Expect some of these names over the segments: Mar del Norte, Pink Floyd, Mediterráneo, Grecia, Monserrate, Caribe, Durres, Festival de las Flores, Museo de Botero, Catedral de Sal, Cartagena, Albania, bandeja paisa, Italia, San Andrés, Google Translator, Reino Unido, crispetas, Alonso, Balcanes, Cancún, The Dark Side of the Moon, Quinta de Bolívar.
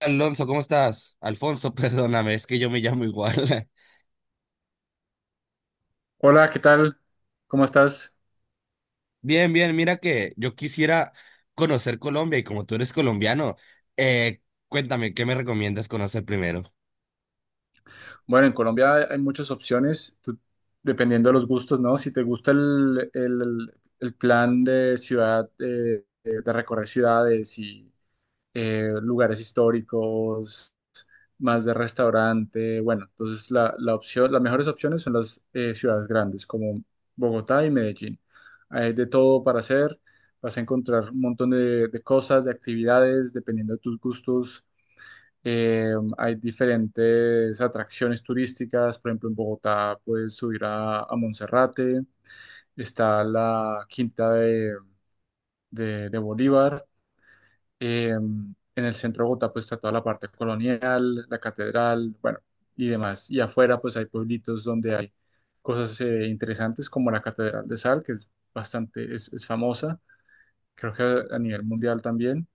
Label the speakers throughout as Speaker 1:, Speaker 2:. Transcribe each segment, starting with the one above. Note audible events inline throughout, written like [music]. Speaker 1: Alonso, ¿cómo estás? Alfonso, [laughs] perdóname, es que yo me llamo igual.
Speaker 2: Hola, ¿qué tal? ¿Cómo estás?
Speaker 1: [laughs] Bien, bien, mira que yo quisiera conocer Colombia y como tú eres colombiano, eh, cuéntame, ¿qué me recomiendas conocer primero?
Speaker 2: Bueno, en Colombia hay muchas opciones, dependiendo de los gustos, ¿no? Si te gusta el plan de ciudad, de recorrer ciudades y lugares históricos, más de restaurante, bueno, entonces las mejores opciones son las ciudades grandes, como Bogotá y Medellín. Hay de todo para hacer, vas a encontrar un montón de cosas, de actividades, dependiendo de tus gustos. Hay diferentes atracciones turísticas, por ejemplo, en Bogotá puedes subir a Monserrate, está la Quinta de Bolívar, eh, en el centro de Bogotá pues está toda la parte colonial, la catedral, bueno, y demás. Y afuera pues hay pueblitos donde hay cosas interesantes como la Catedral de Sal, que es bastante, es famosa, creo que a nivel mundial también.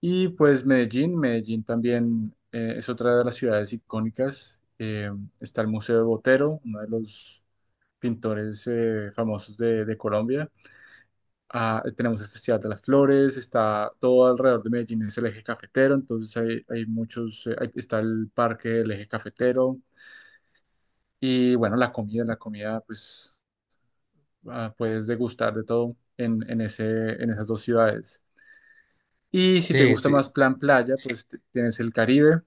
Speaker 2: Y pues Medellín, Medellín también es otra de las ciudades icónicas. Está el Museo de Botero, uno de los pintores famosos de Colombia. Ah, tenemos el Festival de las Flores, está todo alrededor de Medellín, es el eje cafetero, entonces hay muchos, está el parque del eje cafetero y bueno, la comida pues ah, puedes degustar de todo en esas dos ciudades. Y si te
Speaker 1: Sí,
Speaker 2: gusta más
Speaker 1: sí,
Speaker 2: plan playa, pues tienes el Caribe,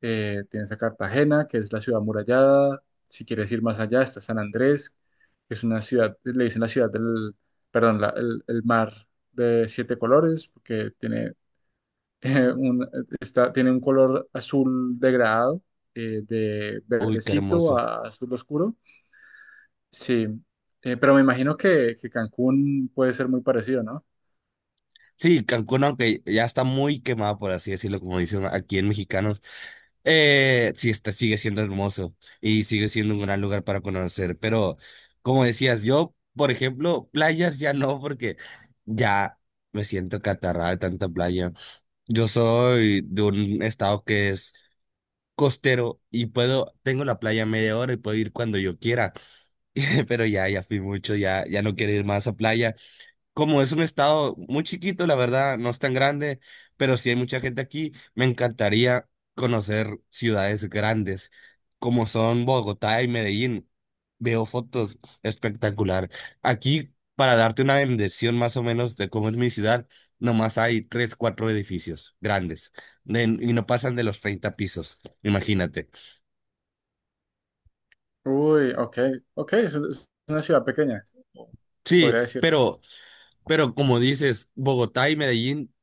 Speaker 2: tienes a Cartagena, que es la ciudad amurallada. Si quieres ir más allá, está San Andrés, que es una ciudad, le dicen la ciudad del, perdón, la- el mar de siete colores, porque tiene, [laughs] eh, un, tiene un color azul degradado, de
Speaker 1: uy, qué
Speaker 2: verdecito
Speaker 1: hermoso.
Speaker 2: a azul oscuro. Sí, pero me imagino que Cancún puede ser muy parecido, ¿no?
Speaker 1: Sí, Cancún, aunque ya está muy quemado, por así decirlo, como dicen aquí en mexicanos, sí está, sigue siendo hermoso y sigue siendo un gran lugar para conocer. Pero, como decías, yo, por ejemplo, playas ya no, porque ya me siento catarrada de tanta playa. Yo soy de un estado que es costero y puedo, tengo la playa a media hora y puedo ir cuando yo quiera. [laughs] Pero ya, ya fui mucho, ya, ya no quiero ir más a playa, como es un estado muy chiquito, la verdad, no es tan grande, pero sí hay mucha gente aquí, me encantaría conocer ciudades grandes como son Bogotá y Medellín. Veo fotos espectacular. Aquí, para darte una dimensión más o menos de cómo es mi ciudad, nomás hay tres, cuatro edificios grandes y no pasan de los 30 pisos, imagínate.
Speaker 2: Uy, ok, ok, es una ciudad pequeña, se
Speaker 1: Sí,
Speaker 2: podría decir.
Speaker 1: pero como dices, Bogotá y Medellín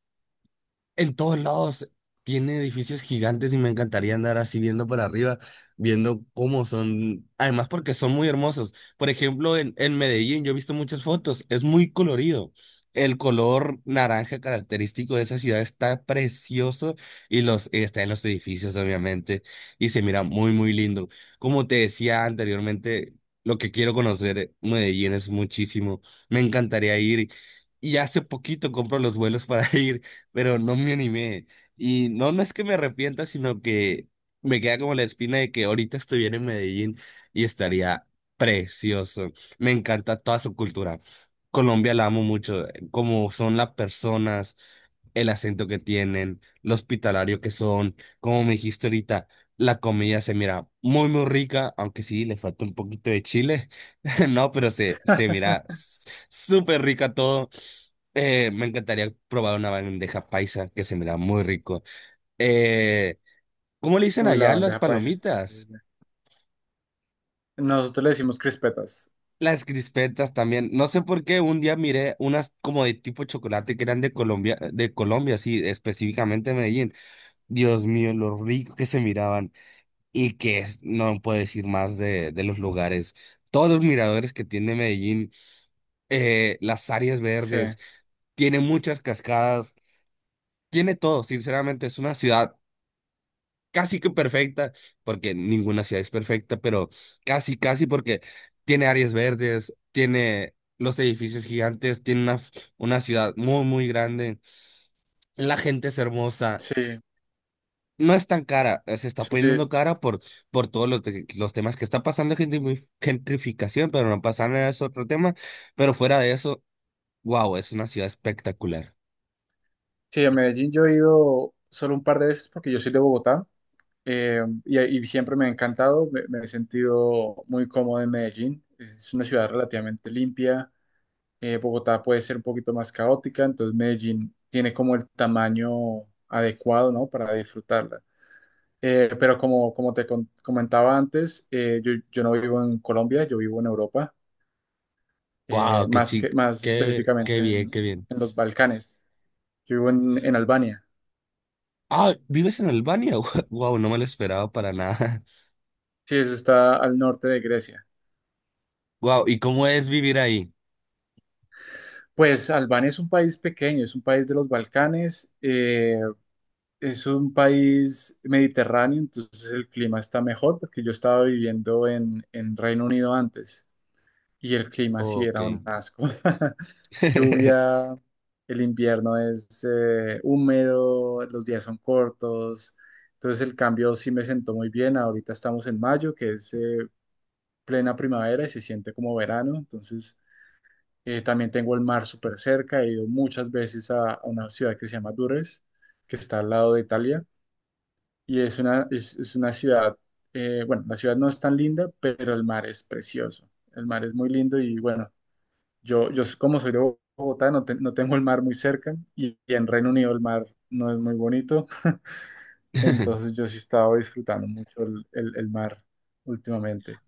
Speaker 1: en todos lados tiene edificios gigantes y me encantaría andar así viendo para arriba, viendo cómo son, además porque son muy hermosos. Por ejemplo, en Medellín yo he visto muchas fotos, es muy colorido. El color naranja característico de esa ciudad está precioso y los está en los edificios, obviamente, y se mira muy, muy lindo. Como te decía anteriormente, lo que quiero conocer Medellín es muchísimo. Me encantaría ir. Y hace poquito compro los vuelos para [laughs] ir, pero no me animé. Y no, no es que me arrepienta, sino que me queda como la espina de que ahorita estuviera en Medellín y estaría precioso. Me encanta toda su cultura. Colombia la amo mucho, como son las personas, el acento que tienen, lo hospitalario que son, como me dijiste ahorita, la comida se mira muy, muy rica, aunque sí, le falta un poquito de chile, [laughs] no, pero se, se mira súper rica todo. Me encantaría probar una bandeja paisa que se mira muy rico. Eh, ¿Cómo le dicen
Speaker 2: Uy, la
Speaker 1: allá las
Speaker 2: bandeja paisa. Es
Speaker 1: palomitas?
Speaker 2: increíble. Nosotros le decimos crispetas.
Speaker 1: Las crispetas también. No sé por qué un día miré unas como de tipo chocolate que eran de Colombia, sí, específicamente de Medellín. Dios mío, lo rico que se miraban y no puedo decir más de los lugares. Todos los miradores que tiene Medellín, las áreas
Speaker 2: Sí,
Speaker 1: verdes, tiene muchas cascadas, tiene todo. Sinceramente, es una ciudad casi que perfecta, porque ninguna ciudad es perfecta, pero casi, casi porque tiene áreas verdes, tiene los edificios gigantes, tiene una ciudad muy, muy grande, la gente es hermosa.
Speaker 2: sí,
Speaker 1: No es tan cara, se está
Speaker 2: sí, sí.
Speaker 1: poniendo cara por todos los temas que está pasando, gentrificación, pero no pasa nada, es otro tema. Pero fuera de eso, wow, es una ciudad espectacular.
Speaker 2: Sí, a Medellín yo he ido solo un par de veces porque yo soy de Bogotá y siempre me ha encantado, me he sentido muy cómodo en Medellín. Es una ciudad relativamente limpia. Eh, Bogotá puede ser un poquito más caótica, entonces Medellín tiene como el tamaño adecuado, ¿no? Para disfrutarla. Pero como, comentaba antes, yo no vivo en Colombia, yo vivo en Europa,
Speaker 1: Wow, qué chic,
Speaker 2: más
Speaker 1: qué,
Speaker 2: específicamente
Speaker 1: qué bien, qué bien.
Speaker 2: en los Balcanes. Yo vivo en Albania.
Speaker 1: Ah, ¿vives en Albania? [laughs] Wow, no me lo esperaba para nada.
Speaker 2: Sí, eso está al norte de Grecia.
Speaker 1: Wow, ¿y cómo es vivir ahí?
Speaker 2: Pues Albania es un país pequeño, es un país de los Balcanes, es un país mediterráneo, entonces el clima está mejor porque yo estaba viviendo en Reino Unido antes y el clima sí
Speaker 1: Ok.
Speaker 2: era un asco. [laughs]
Speaker 1: [laughs]
Speaker 2: Lluvia, el invierno es húmedo, los días son cortos, entonces el cambio sí me sentó muy bien. Ahorita estamos en mayo, que es plena primavera y se siente como verano, entonces también tengo el mar súper cerca, he ido muchas veces a una ciudad que se llama Durres, que está al lado de Italia, y es una, es una ciudad, bueno, la ciudad no es tan linda, pero el mar es precioso. El mar es muy lindo y bueno, yo como soy de Bogotá, no, no tengo el mar muy cerca y en Reino Unido el mar no es muy bonito, entonces
Speaker 1: [laughs]
Speaker 2: yo sí he estado disfrutando mucho el mar últimamente.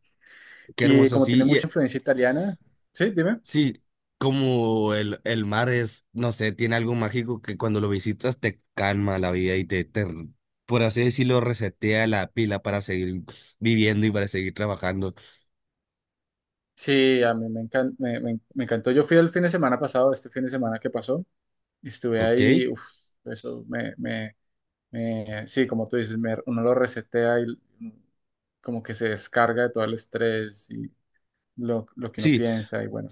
Speaker 1: Qué
Speaker 2: Y
Speaker 1: hermoso,
Speaker 2: como
Speaker 1: sí.
Speaker 2: tiene mucha influencia italiana, sí, dime.
Speaker 1: Sí, como el mar es, no sé, tiene algo mágico que cuando lo visitas te calma la vida y te, por así decirlo, resetea la pila para seguir viviendo y para seguir trabajando.
Speaker 2: Sí, a mí me, me encantó. Yo fui el fin de semana pasado, este fin de semana que pasó, y estuve
Speaker 1: Ok.
Speaker 2: ahí, uf, eso sí, como tú dices, me- uno lo resetea y como que se descarga de todo el estrés y lo que uno
Speaker 1: Sí.
Speaker 2: piensa y bueno.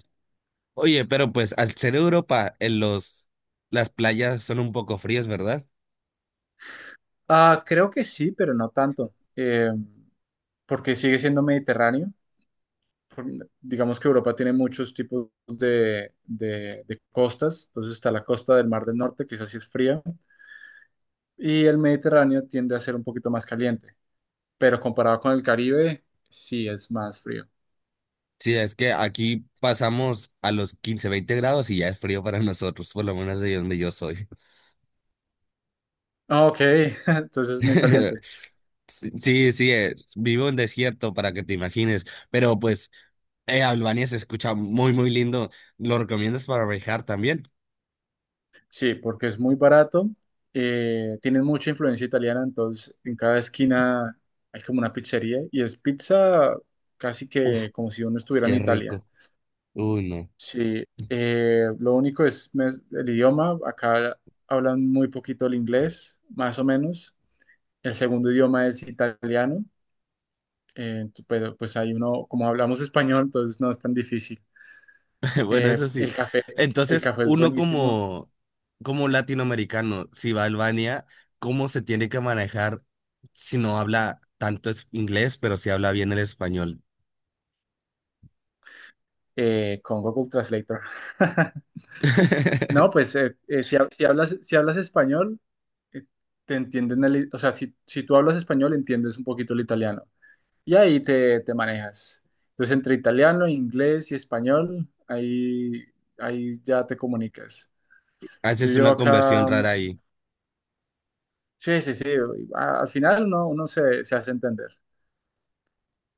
Speaker 1: Oye, pero pues al ser Europa, en los, las playas son un poco frías, ¿verdad?
Speaker 2: Ah, creo que sí, pero no tanto, porque sigue siendo Mediterráneo. Por- Digamos que Europa tiene muchos tipos de costas, entonces está la costa del Mar del Norte, que esa sí es fría, y el Mediterráneo tiende a ser un poquito más caliente, pero comparado con el Caribe, sí es más frío.
Speaker 1: Sí, es que aquí pasamos a los 15-20 grados y ya es frío para nosotros, por lo menos de donde yo soy.
Speaker 2: Ah, ok, [laughs] entonces es muy
Speaker 1: [laughs]
Speaker 2: caliente.
Speaker 1: Sí, sí, vivo en desierto para que te imagines, pero pues Albania se escucha muy, muy lindo. ¿Lo recomiendas para viajar también?
Speaker 2: Sí, porque es muy barato. Eh, tienen mucha influencia italiana, entonces en cada esquina hay como una pizzería y es pizza casi
Speaker 1: Uf,
Speaker 2: que como si uno estuviera en
Speaker 1: qué
Speaker 2: Italia.
Speaker 1: rico. Uy, no.
Speaker 2: Sí, lo único es me- el idioma. Acá hablan muy poquito el inglés, más o menos. El segundo idioma es italiano, pero pues ahí uno, como hablamos español, entonces no es tan difícil.
Speaker 1: [laughs] Bueno,
Speaker 2: Eh,
Speaker 1: eso sí.
Speaker 2: el café, el
Speaker 1: Entonces,
Speaker 2: café es
Speaker 1: uno
Speaker 2: buenísimo.
Speaker 1: como, como latinoamericano, si va a Albania, ¿cómo se tiene que manejar si no habla tanto inglés, pero si habla bien el español?
Speaker 2: Con Google Translator. [laughs]
Speaker 1: [laughs]
Speaker 2: No, pues si hablas español, eh, te entienden o sea, si tú hablas español, entiendes un poquito el italiano y ahí te manejas. Entonces, entre italiano, inglés y español, ahí ya te comunicas. Yo
Speaker 1: Haces
Speaker 2: llevo
Speaker 1: una conversión
Speaker 2: acá,
Speaker 1: rara ahí.
Speaker 2: sí, sí, sí, al final uno, se hace entender,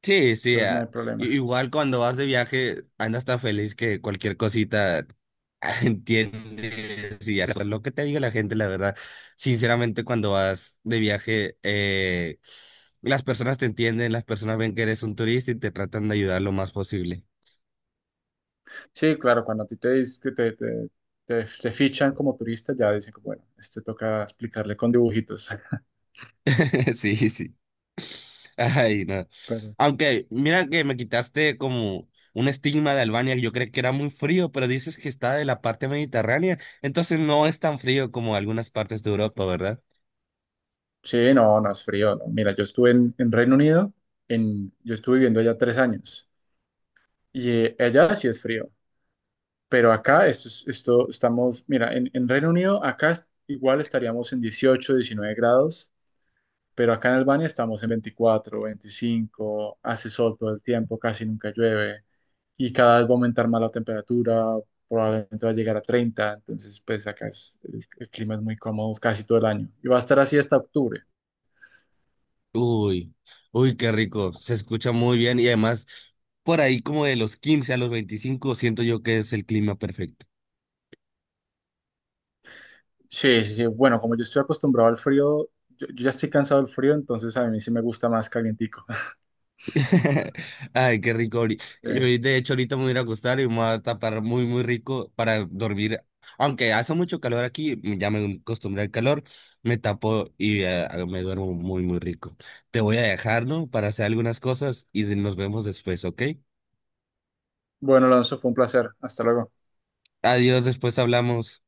Speaker 1: Sí, sí,
Speaker 2: entonces no hay
Speaker 1: ah,
Speaker 2: problema.
Speaker 1: igual cuando vas de viaje andas tan feliz que cualquier cosita ah, [laughs] entiendes y haces lo que te diga la gente, la verdad. Sinceramente, cuando vas de viaje, las personas te entienden, las personas ven que eres un turista y te tratan de ayudar lo más posible.
Speaker 2: Sí, claro, cuando a ti te, dis- que te fichan como turista, ya dicen, como, bueno, este toca explicarle con dibujitos.
Speaker 1: [laughs] Sí, sí. Ay, no.
Speaker 2: [laughs]
Speaker 1: Aunque, mira que me quitaste como un estigma de Albania, yo creí que era muy frío, pero dices que está de la parte mediterránea, entonces no es tan frío como algunas partes de Europa, ¿verdad?
Speaker 2: Sí, no, no es frío, no. Mira, yo estuve en Reino Unido, en, yo estuve viviendo allá 3 años y allá sí es frío, pero acá esto, esto estamos, mira, en Reino Unido acá igual estaríamos en 18, 19 grados, pero acá en Albania estamos en 24, 25, hace sol todo el tiempo, casi nunca llueve y cada vez va a aumentar más la temperatura, probablemente va a llegar a 30, entonces pues acá es, el clima es muy cómodo casi todo el año y va a estar así hasta octubre.
Speaker 1: Uy, uy, qué rico. Se escucha muy bien y además por ahí como de los 15 a los 25 siento yo que es el clima perfecto.
Speaker 2: Sí, sí, sí. Bueno, como yo estoy acostumbrado al frío, yo ya estoy cansado del frío, entonces a mí sí me gusta más calientico. [laughs]
Speaker 1: [laughs] Ay, qué rico. Ahori- yo
Speaker 2: Sí.
Speaker 1: De hecho, ahorita me voy a ir a acostar y me voy a tapar muy, muy rico para dormir. Aunque hace mucho calor aquí, ya me acostumbré al calor, me tapo y me duermo muy, muy rico. Te voy a dejar, ¿no? Para hacer algunas cosas y nos vemos después, ¿ok?
Speaker 2: Bueno, Alonso, fue un placer. Hasta luego.
Speaker 1: Adiós, después hablamos.